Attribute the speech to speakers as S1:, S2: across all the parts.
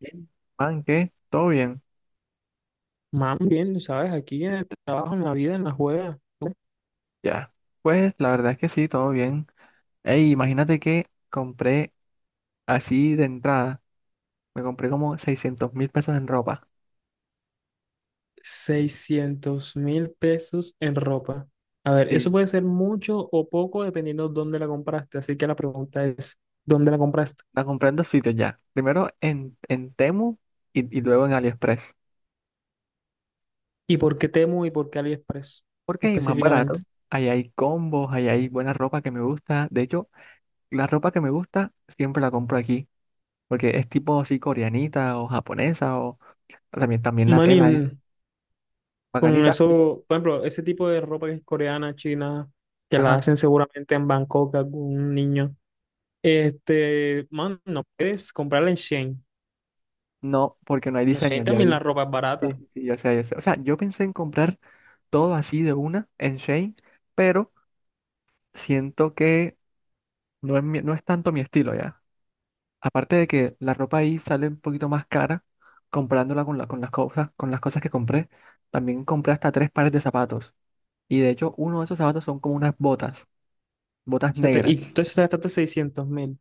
S1: Bien. Man, ¿qué? ¿Todo bien?
S2: Más bien, ¿sabes? Aquí en el trabajo, en la vida, en la juega,
S1: Ya. Pues la verdad es que sí, todo bien. Ey, imagínate que compré así de entrada, me compré como 600.000 pesos en ropa.
S2: 600.000 pesos en ropa. A ver,
S1: Sí.
S2: eso puede ser mucho o poco dependiendo dónde la compraste. Así que la pregunta es, ¿dónde la compraste?
S1: La compré en dos sitios ya. Primero en Temu y luego en AliExpress.
S2: ¿Y por qué Temu y por qué AliExpress
S1: Porque es más
S2: específicamente?
S1: barato. Ahí hay combos, ahí hay buena ropa que me gusta. De hecho, la ropa que me gusta siempre la compro aquí. Porque es tipo así coreanita o japonesa o también, también la
S2: Manin,
S1: tela es
S2: con
S1: bacanita.
S2: eso, por ejemplo, ese tipo de ropa que es coreana, china, que la
S1: Ajá.
S2: hacen seguramente en Bangkok algún niño. Este, man, no puedes comprarla en Shein.
S1: No, porque no hay
S2: En
S1: diseño,
S2: Shein
S1: ya
S2: también
S1: vi.
S2: la ropa es
S1: Sí,
S2: barata.
S1: sí, sí, yo sé, yo sé. O sea, yo pensé en comprar todo así de una en Shane, pero siento que no es tanto mi estilo ya. Aparte de que la ropa ahí sale un poquito más cara comprándola con las cosas que compré. También compré hasta tres pares de zapatos. Y de hecho, uno de esos zapatos son como unas botas, botas
S2: Y
S1: negras.
S2: entonces te gastaste 600.000. O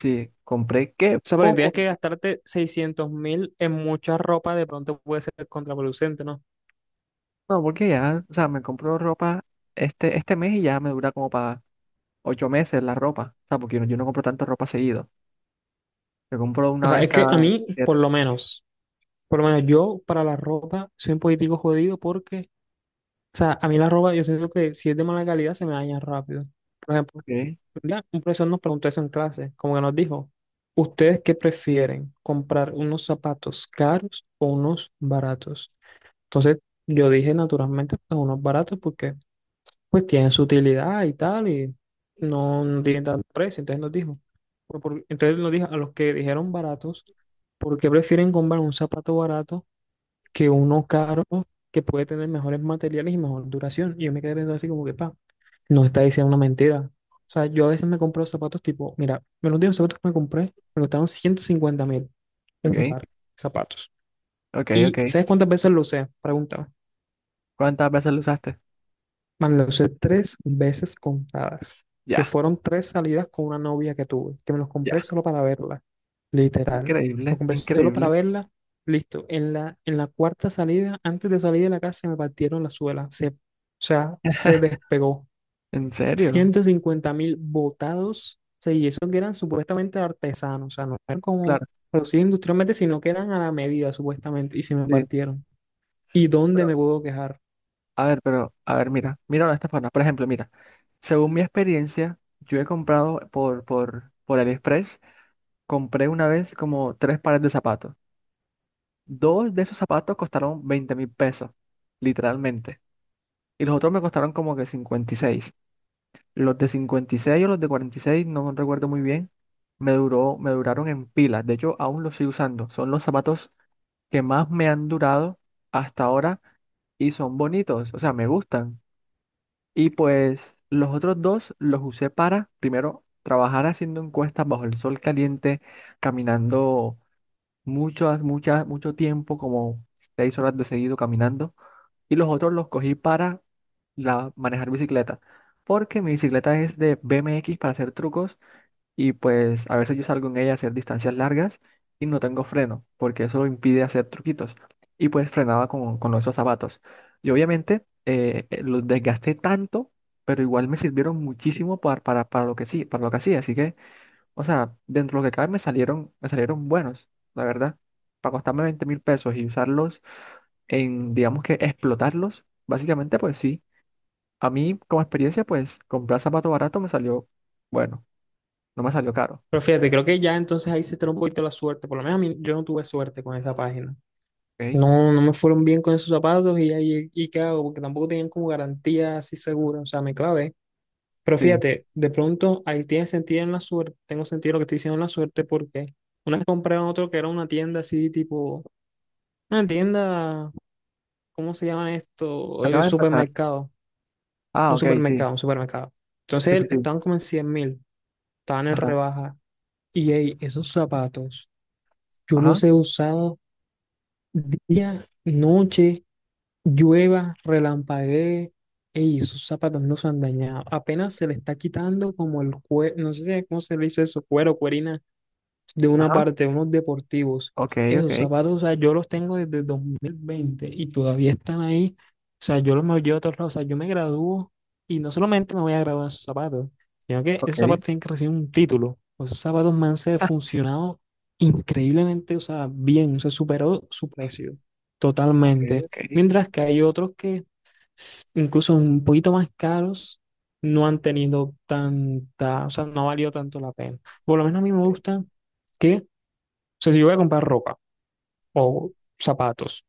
S1: Sí, compré qué
S2: sea, pero
S1: poco.
S2: tienes que gastarte 600.000 en mucha ropa, de pronto puede ser contraproducente, ¿no?
S1: No, porque ya, o sea, me compro ropa este mes y ya me dura como para 8 meses la ropa. O sea, porque yo no compro tanta ropa seguido. Yo compro
S2: O
S1: una
S2: sea,
S1: vez
S2: es que a
S1: cada
S2: mí,
S1: siete.
S2: por lo menos yo para la ropa soy un político jodido porque, o sea, a mí la ropa, yo siento que si es de mala calidad se me daña rápido. Por ejemplo,
S1: Ok,
S2: ¿verdad? Un profesor nos preguntó eso en clase, como que nos dijo, ¿ustedes qué prefieren? ¿Comprar unos zapatos caros o unos baratos? Entonces, yo dije naturalmente, pues unos baratos porque pues tiene su utilidad y tal, y no, no tiene tanto precio. Entonces nos dijo, entonces nos dijo a los que dijeron baratos, ¿por qué prefieren comprar un zapato barato que uno caro que puede tener mejores materiales y mejor duración? Y yo me quedé pensando así como que, pa, nos está diciendo una mentira. O sea, yo a veces me compro zapatos tipo, mira, me los últimos zapatos que me compré me costaron 150.000, un
S1: ok,
S2: par de zapatos.
S1: ok, ok.
S2: ¿Y sabes cuántas veces lo usé? Preguntaba.
S1: ¿Cuántas veces lo usaste?
S2: Man, lo usé tres veces contadas, que
S1: Ya,
S2: fueron tres salidas con una novia que tuve, que me los compré
S1: ya.
S2: solo para verla, literal. Lo
S1: Increíble,
S2: compré solo para
S1: increíble.
S2: verla, listo. En la cuarta salida, antes de salir de la casa, se me partieron la suela, o sea, se despegó.
S1: ¿En serio?
S2: 150.000 botados, o sea, y esos que eran supuestamente artesanos, o sea, no eran como
S1: Claro,
S2: producidos industrialmente, sino que eran a la medida, supuestamente, y se me
S1: sí.
S2: partieron. ¿Y dónde
S1: Pero,
S2: me puedo quejar?
S1: pero, a ver, mira, míralo de esta forma. Por ejemplo, mira, según mi experiencia, yo he comprado por AliExpress, compré una vez como tres pares de zapatos. Dos de esos zapatos costaron 20 mil pesos, literalmente. Y los otros me costaron como que 56. Los de 56 o los de 46 no recuerdo muy bien, me duraron en pilas. De hecho, aún los sigo usando. Son los zapatos que más me han durado hasta ahora y son bonitos, o sea, me gustan. Y pues los otros dos los usé para, primero, trabajar haciendo encuestas bajo el sol caliente, caminando mucho tiempo, como 6 horas de seguido caminando. Y los otros los cogí para la, manejar bicicleta, porque mi bicicleta es de BMX para hacer trucos y pues a veces yo salgo en ella a hacer distancias largas y no tengo freno, porque eso impide hacer truquitos. Y pues frenaba con esos zapatos. Y obviamente los desgasté tanto, pero igual me sirvieron muchísimo para lo que sí, para lo que hacía. Así que, o sea, dentro de lo que cabe me salieron buenos, la verdad. Para costarme 20.000 pesos y usarlos en, digamos que explotarlos, básicamente pues sí. A mí, como experiencia, pues comprar zapato barato me salió, bueno, no me salió caro,
S2: Pero fíjate, creo que ya entonces ahí se está un poquito la suerte. Por lo menos a mí, yo no tuve suerte con esa página.
S1: ¿ok?
S2: No, no me fueron bien con esos zapatos y ahí, ¿y qué hago? Porque tampoco tenían como garantía así segura. O sea, me clavé. Pero
S1: Sí,
S2: fíjate, de pronto ahí tiene sentido en la suerte. Tengo sentido lo que estoy diciendo en la suerte porque una vez compré en otro que era una tienda así tipo, una tienda, ¿cómo se llama esto?
S1: acaba de empezar.
S2: Supermercado.
S1: Ah,
S2: Un
S1: ok, sí,
S2: supermercado, un supermercado.
S1: sí, sí,
S2: Entonces
S1: sí.
S2: estaban como en 100.000, estaban en
S1: Ajá,
S2: rebaja. Y ey, esos zapatos. Yo
S1: ajá,
S2: los he usado día, noche, llueva, relampaguee. Ey, esos zapatos no se han dañado. Apenas se le está quitando como el cuero, no sé cómo se le hizo eso, cuero, cuerina de una
S1: ajá,
S2: parte, unos deportivos.
S1: ok, ok,
S2: Esos zapatos, o sea, yo los tengo desde 2020 y todavía están ahí. O sea, yo los me los llevo a todos lados. O sea, yo me gradúo y no solamente me voy a graduar en esos zapatos, sino que
S1: ok,
S2: esos zapatos tienen que recibir un título. O esos zapatos me han
S1: ah,
S2: funcionado increíblemente, o sea, bien, o sea, superó su precio
S1: ok,
S2: totalmente.
S1: ok,
S2: Mientras que hay otros que, incluso un poquito más caros, no han tenido tanta, o sea, no ha valido tanto la pena. Por lo menos a mí me
S1: ok,
S2: gusta que, o sea, si yo voy a comprar ropa o zapatos,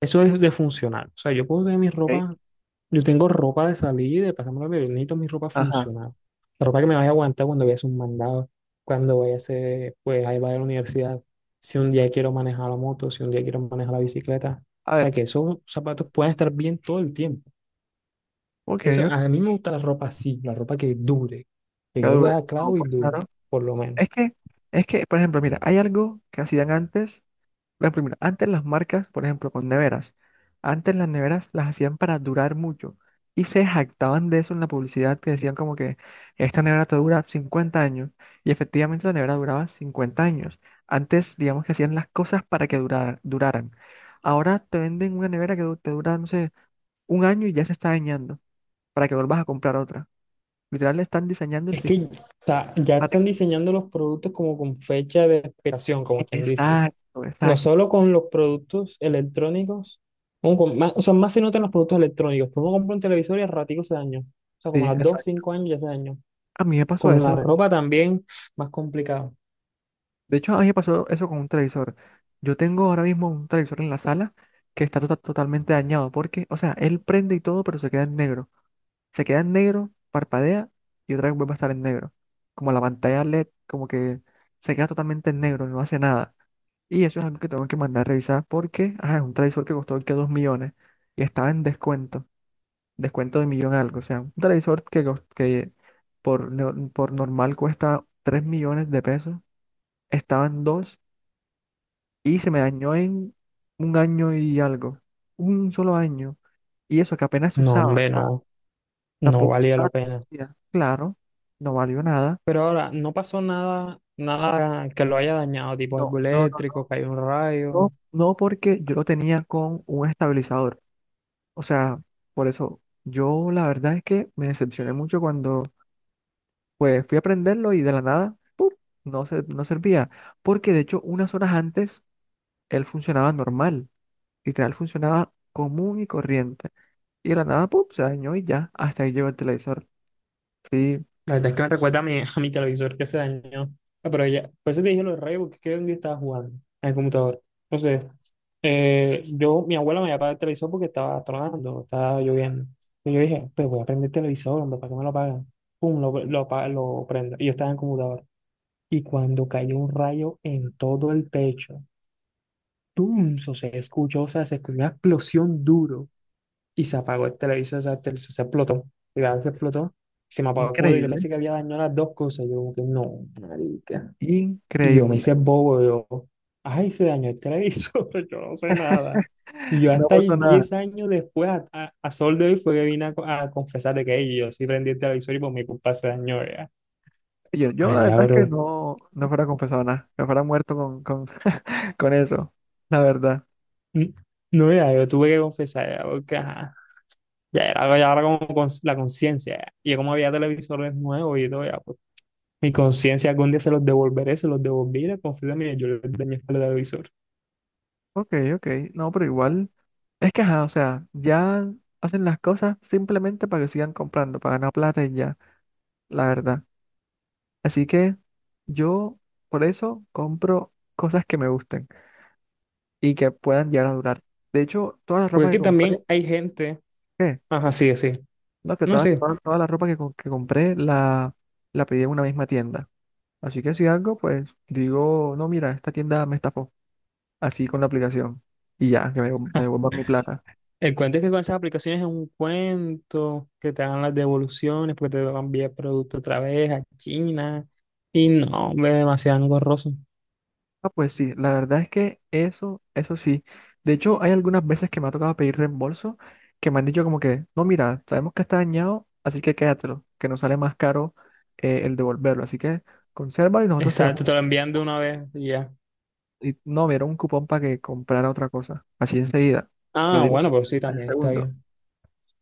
S2: eso es de funcional. O sea, yo puedo tener mi
S1: ok,
S2: ropa, yo tengo ropa de salir, de pasarme la vida, yo necesito mi ropa
S1: ajá.
S2: funcional. La ropa que me vaya a aguantar cuando vaya a hacer un mandado, cuando vaya a hacer, pues, ahí vaya a la universidad, si un día quiero manejar la moto, si un día quiero manejar la bicicleta. O
S1: A
S2: sea,
S1: ver,
S2: que esos zapatos puedan estar bien todo el tiempo.
S1: ok,
S2: Eso,
S1: ok,
S2: a mí me gusta la ropa así, la ropa que dure, que yo le voy a
S1: dura.
S2: dar
S1: No,
S2: clavo y
S1: pues
S2: dure,
S1: claro.
S2: por lo menos.
S1: Es que, es que, por ejemplo, mira, hay algo que hacían antes. La primera, antes las marcas, por ejemplo, con neveras, antes las neveras las hacían para durar mucho y se jactaban de eso en la publicidad que decían como que esta nevera te dura 50 años y efectivamente la nevera duraba 50 años. Antes, digamos que hacían las cosas para que duraran. Ahora te venden una nevera que te dura, no sé, un año y ya se está dañando para que vuelvas a comprar otra. Literal, le están diseñando el
S2: Es
S1: sistema
S2: que ya
S1: para
S2: están
S1: que...
S2: diseñando los productos como con fecha de expiración, como quien dice.
S1: Exacto,
S2: No
S1: exacto,
S2: solo con los productos electrónicos, como con o sea, más se notan los productos electrónicos. Tú uno compra un televisor y al ratico se dañó. O sea, como
S1: sí,
S2: a las 2,
S1: exacto.
S2: 5 años ya se dañó.
S1: A mí me pasó
S2: Con la
S1: eso.
S2: ropa también, más complicado.
S1: De hecho, a mí me pasó eso con un televisor. Yo tengo ahora mismo un televisor en la sala que está totalmente dañado porque, o sea, él prende y todo, pero se queda en negro. Se queda en negro, parpadea y otra vez vuelve a estar en negro. Como la pantalla LED, como que se queda totalmente en negro, no hace nada. Y eso es algo que tengo que mandar a revisar porque, ah, es un televisor que costó que 2 millones y estaba en descuento, descuento de millón algo. O sea, un televisor que por, no- por normal cuesta 3 millones de pesos, estaban dos y se me dañó en un año y algo. Un solo año. Y eso que apenas se
S2: No,
S1: usaba. O
S2: hombre,
S1: sea,
S2: no, no
S1: tampoco se
S2: valía
S1: usaba
S2: la
S1: todo
S2: pena.
S1: el día. Claro, no valió nada.
S2: Pero ahora, no pasó nada, nada que lo haya dañado, tipo algo
S1: No, no, no,
S2: eléctrico, cayó un
S1: no,
S2: rayo.
S1: no porque yo lo tenía con un estabilizador. O sea, por eso yo la verdad es que me decepcioné mucho cuando pues fui a prenderlo y de la nada, ¡pum! No servía. Porque de hecho unas horas antes él funcionaba normal. Literal funcionaba común y corriente. Y de la nada, ¡pum! Se dañó y ya. Hasta ahí llegó el televisor. Sí,
S2: La verdad es que me recuerda a mi, a mi televisor que se dañó. Ah, pero ya, por eso te dije los rayos, porque es que un día estaba jugando en el computador. Entonces, mi abuela me había apagado el televisor porque estaba tronando, estaba lloviendo. Y yo dije, pues voy a prender el televisor, hombre, ¿para qué me lo apagan? Pum, lo prendo. Y yo estaba en el computador. Y cuando cayó un rayo en todo el pecho, ¡pum! O sea, se escuchó, o sea, se escuchó una explosión duro y se apagó el televisor, o sea, el televisor se explotó, cuidado, se explotó, se me apagó como yo
S1: increíble.
S2: pensé que había dañado las dos cosas, yo como que no, marica. Y yo me
S1: Increíble.
S2: hice bobo, ay, se dañó el televisor, yo no sé nada. Y yo
S1: No
S2: hasta ahí
S1: pasó nada.
S2: 10 años después, a sol de hoy, fue que vine a confesar de que "Ey, yo sí prendí el televisor y por mi culpa se dañó, ya.
S1: Yo la
S2: María,
S1: verdad es que
S2: bro,
S1: no fuera confesado nada. Me fuera muerto con eso. La verdad.
S2: mm, no, ya, yo tuve que confesar, ya, porque, ajá, ya era como la conciencia, ya. Y como había televisores nuevos y todo, ya, mi conciencia algún día se los devolveré, se los devolví, la confío en mí, yo les de mi espalda de visor.
S1: Ok, ok. No, pero igual. Es que, ajá, o sea, ya hacen las cosas simplemente para que sigan comprando, para ganar plata y ya. La verdad. Así que yo, por eso, compro cosas que me gusten y que puedan llegar a durar. De hecho, todas las
S2: Porque
S1: ropas
S2: es
S1: que
S2: que
S1: compré,
S2: también hay gente,
S1: ¿qué?
S2: ajá, sí, sí,
S1: No, que
S2: no
S1: toda,
S2: sé,
S1: toda, toda la ropa que compré la, la pedí en una misma tienda. Así que si algo, pues digo, no, mira, esta tienda me estafó. Así con la aplicación. Y ya, que me devuelvan mi plata.
S2: el cuento es que con esas aplicaciones es un cuento, que te dan las devoluciones, porque te van a enviar producto otra vez a China, y no, hombre, es demasiado engorroso.
S1: Ah, pues sí, la verdad es que eso sí. De hecho, hay algunas veces que me ha tocado pedir reembolso que me han dicho como que, no, mira, sabemos que está dañado, así que quédatelo, que nos sale más caro el devolverlo. Así que consérvalo y nosotros te damos.
S2: Exacto, te lo envían de una vez y ya.
S1: Y no, me dieron un cupón para que comprara otra cosa. Así enseguida. Me lo
S2: Ah,
S1: dieron
S2: bueno, pero sí,
S1: al
S2: también está
S1: segundo.
S2: bien.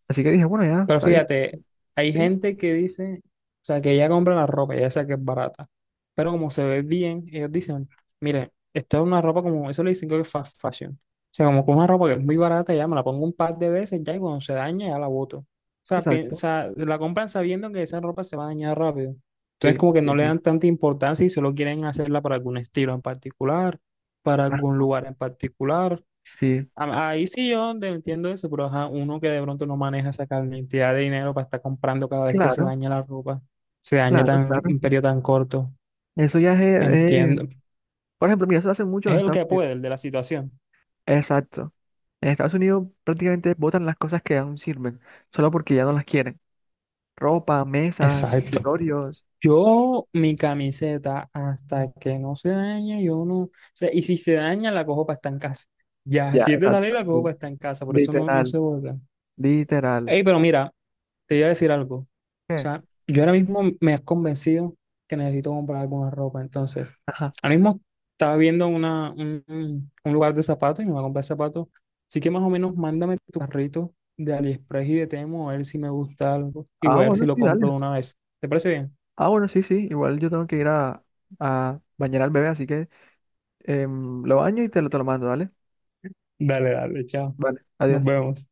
S1: Así que dije, bueno, ya,
S2: Pero
S1: está bien.
S2: fíjate, hay
S1: Sí,
S2: gente que dice, o sea, que ella compra la ropa, ya sea que es barata, pero como se ve bien, ellos dicen, mire, esta es una ropa como, eso le dicen que es fast fashion. O sea, como con una ropa que es muy barata, ya me la pongo un par de veces, ya y cuando se daña, ya la boto. O sea,
S1: exacto.
S2: piensa, la compran sabiendo que esa ropa se va a dañar rápido. Entonces,
S1: Sí,
S2: como que
S1: sí,
S2: no le
S1: sí.
S2: dan tanta importancia y solo quieren hacerla para algún estilo en particular, para algún
S1: Ah,
S2: lugar en particular.
S1: sí,
S2: Ahí sí yo te entiendo eso, pero ajá, uno que de pronto no maneja esa cantidad de dinero para estar comprando cada vez que se
S1: claro,
S2: daña la ropa, se daña
S1: claro,
S2: tan en
S1: claro.
S2: un periodo tan corto.
S1: Eso ya es,
S2: Entiendo.
S1: por ejemplo, mira, eso lo hacen mucho
S2: Es
S1: en
S2: el
S1: Estados
S2: que
S1: Unidos.
S2: puede, el de la situación.
S1: Exacto. En Estados Unidos prácticamente botan las cosas que aún sirven, solo porque ya no las quieren. Ropa, mesas,
S2: Exacto.
S1: escritorios.
S2: Yo, mi camiseta, hasta que no se daña, yo no. O sea, y si se daña, la cojo para estar en casa. Ya,
S1: Ya,
S2: si es de salir,
S1: exacto.
S2: la cojo
S1: Sí.
S2: para estar en casa, por eso no, no
S1: Literal,
S2: se vuelve.
S1: literal.
S2: Ey, pero mira, te iba a decir algo. O
S1: ¿Qué?
S2: sea, yo ahora mismo me has convencido que necesito comprar alguna ropa. Entonces,
S1: Ajá.
S2: ahora mismo estaba viendo un lugar de zapatos y me voy a comprar zapatos. Así que más o menos mándame tu carrito de AliExpress y de Temo a ver si me gusta algo y
S1: Ah,
S2: voy a ver si
S1: bueno,
S2: lo
S1: sí,
S2: compro
S1: dale.
S2: de una vez. ¿Te parece bien?
S1: Ah, bueno, sí, sí, igual yo tengo que ir a bañar al bebé, así que lo baño y te lo mando, ¿vale?
S2: Dale, dale, chao.
S1: Vale,
S2: Nos
S1: adiós.
S2: vemos.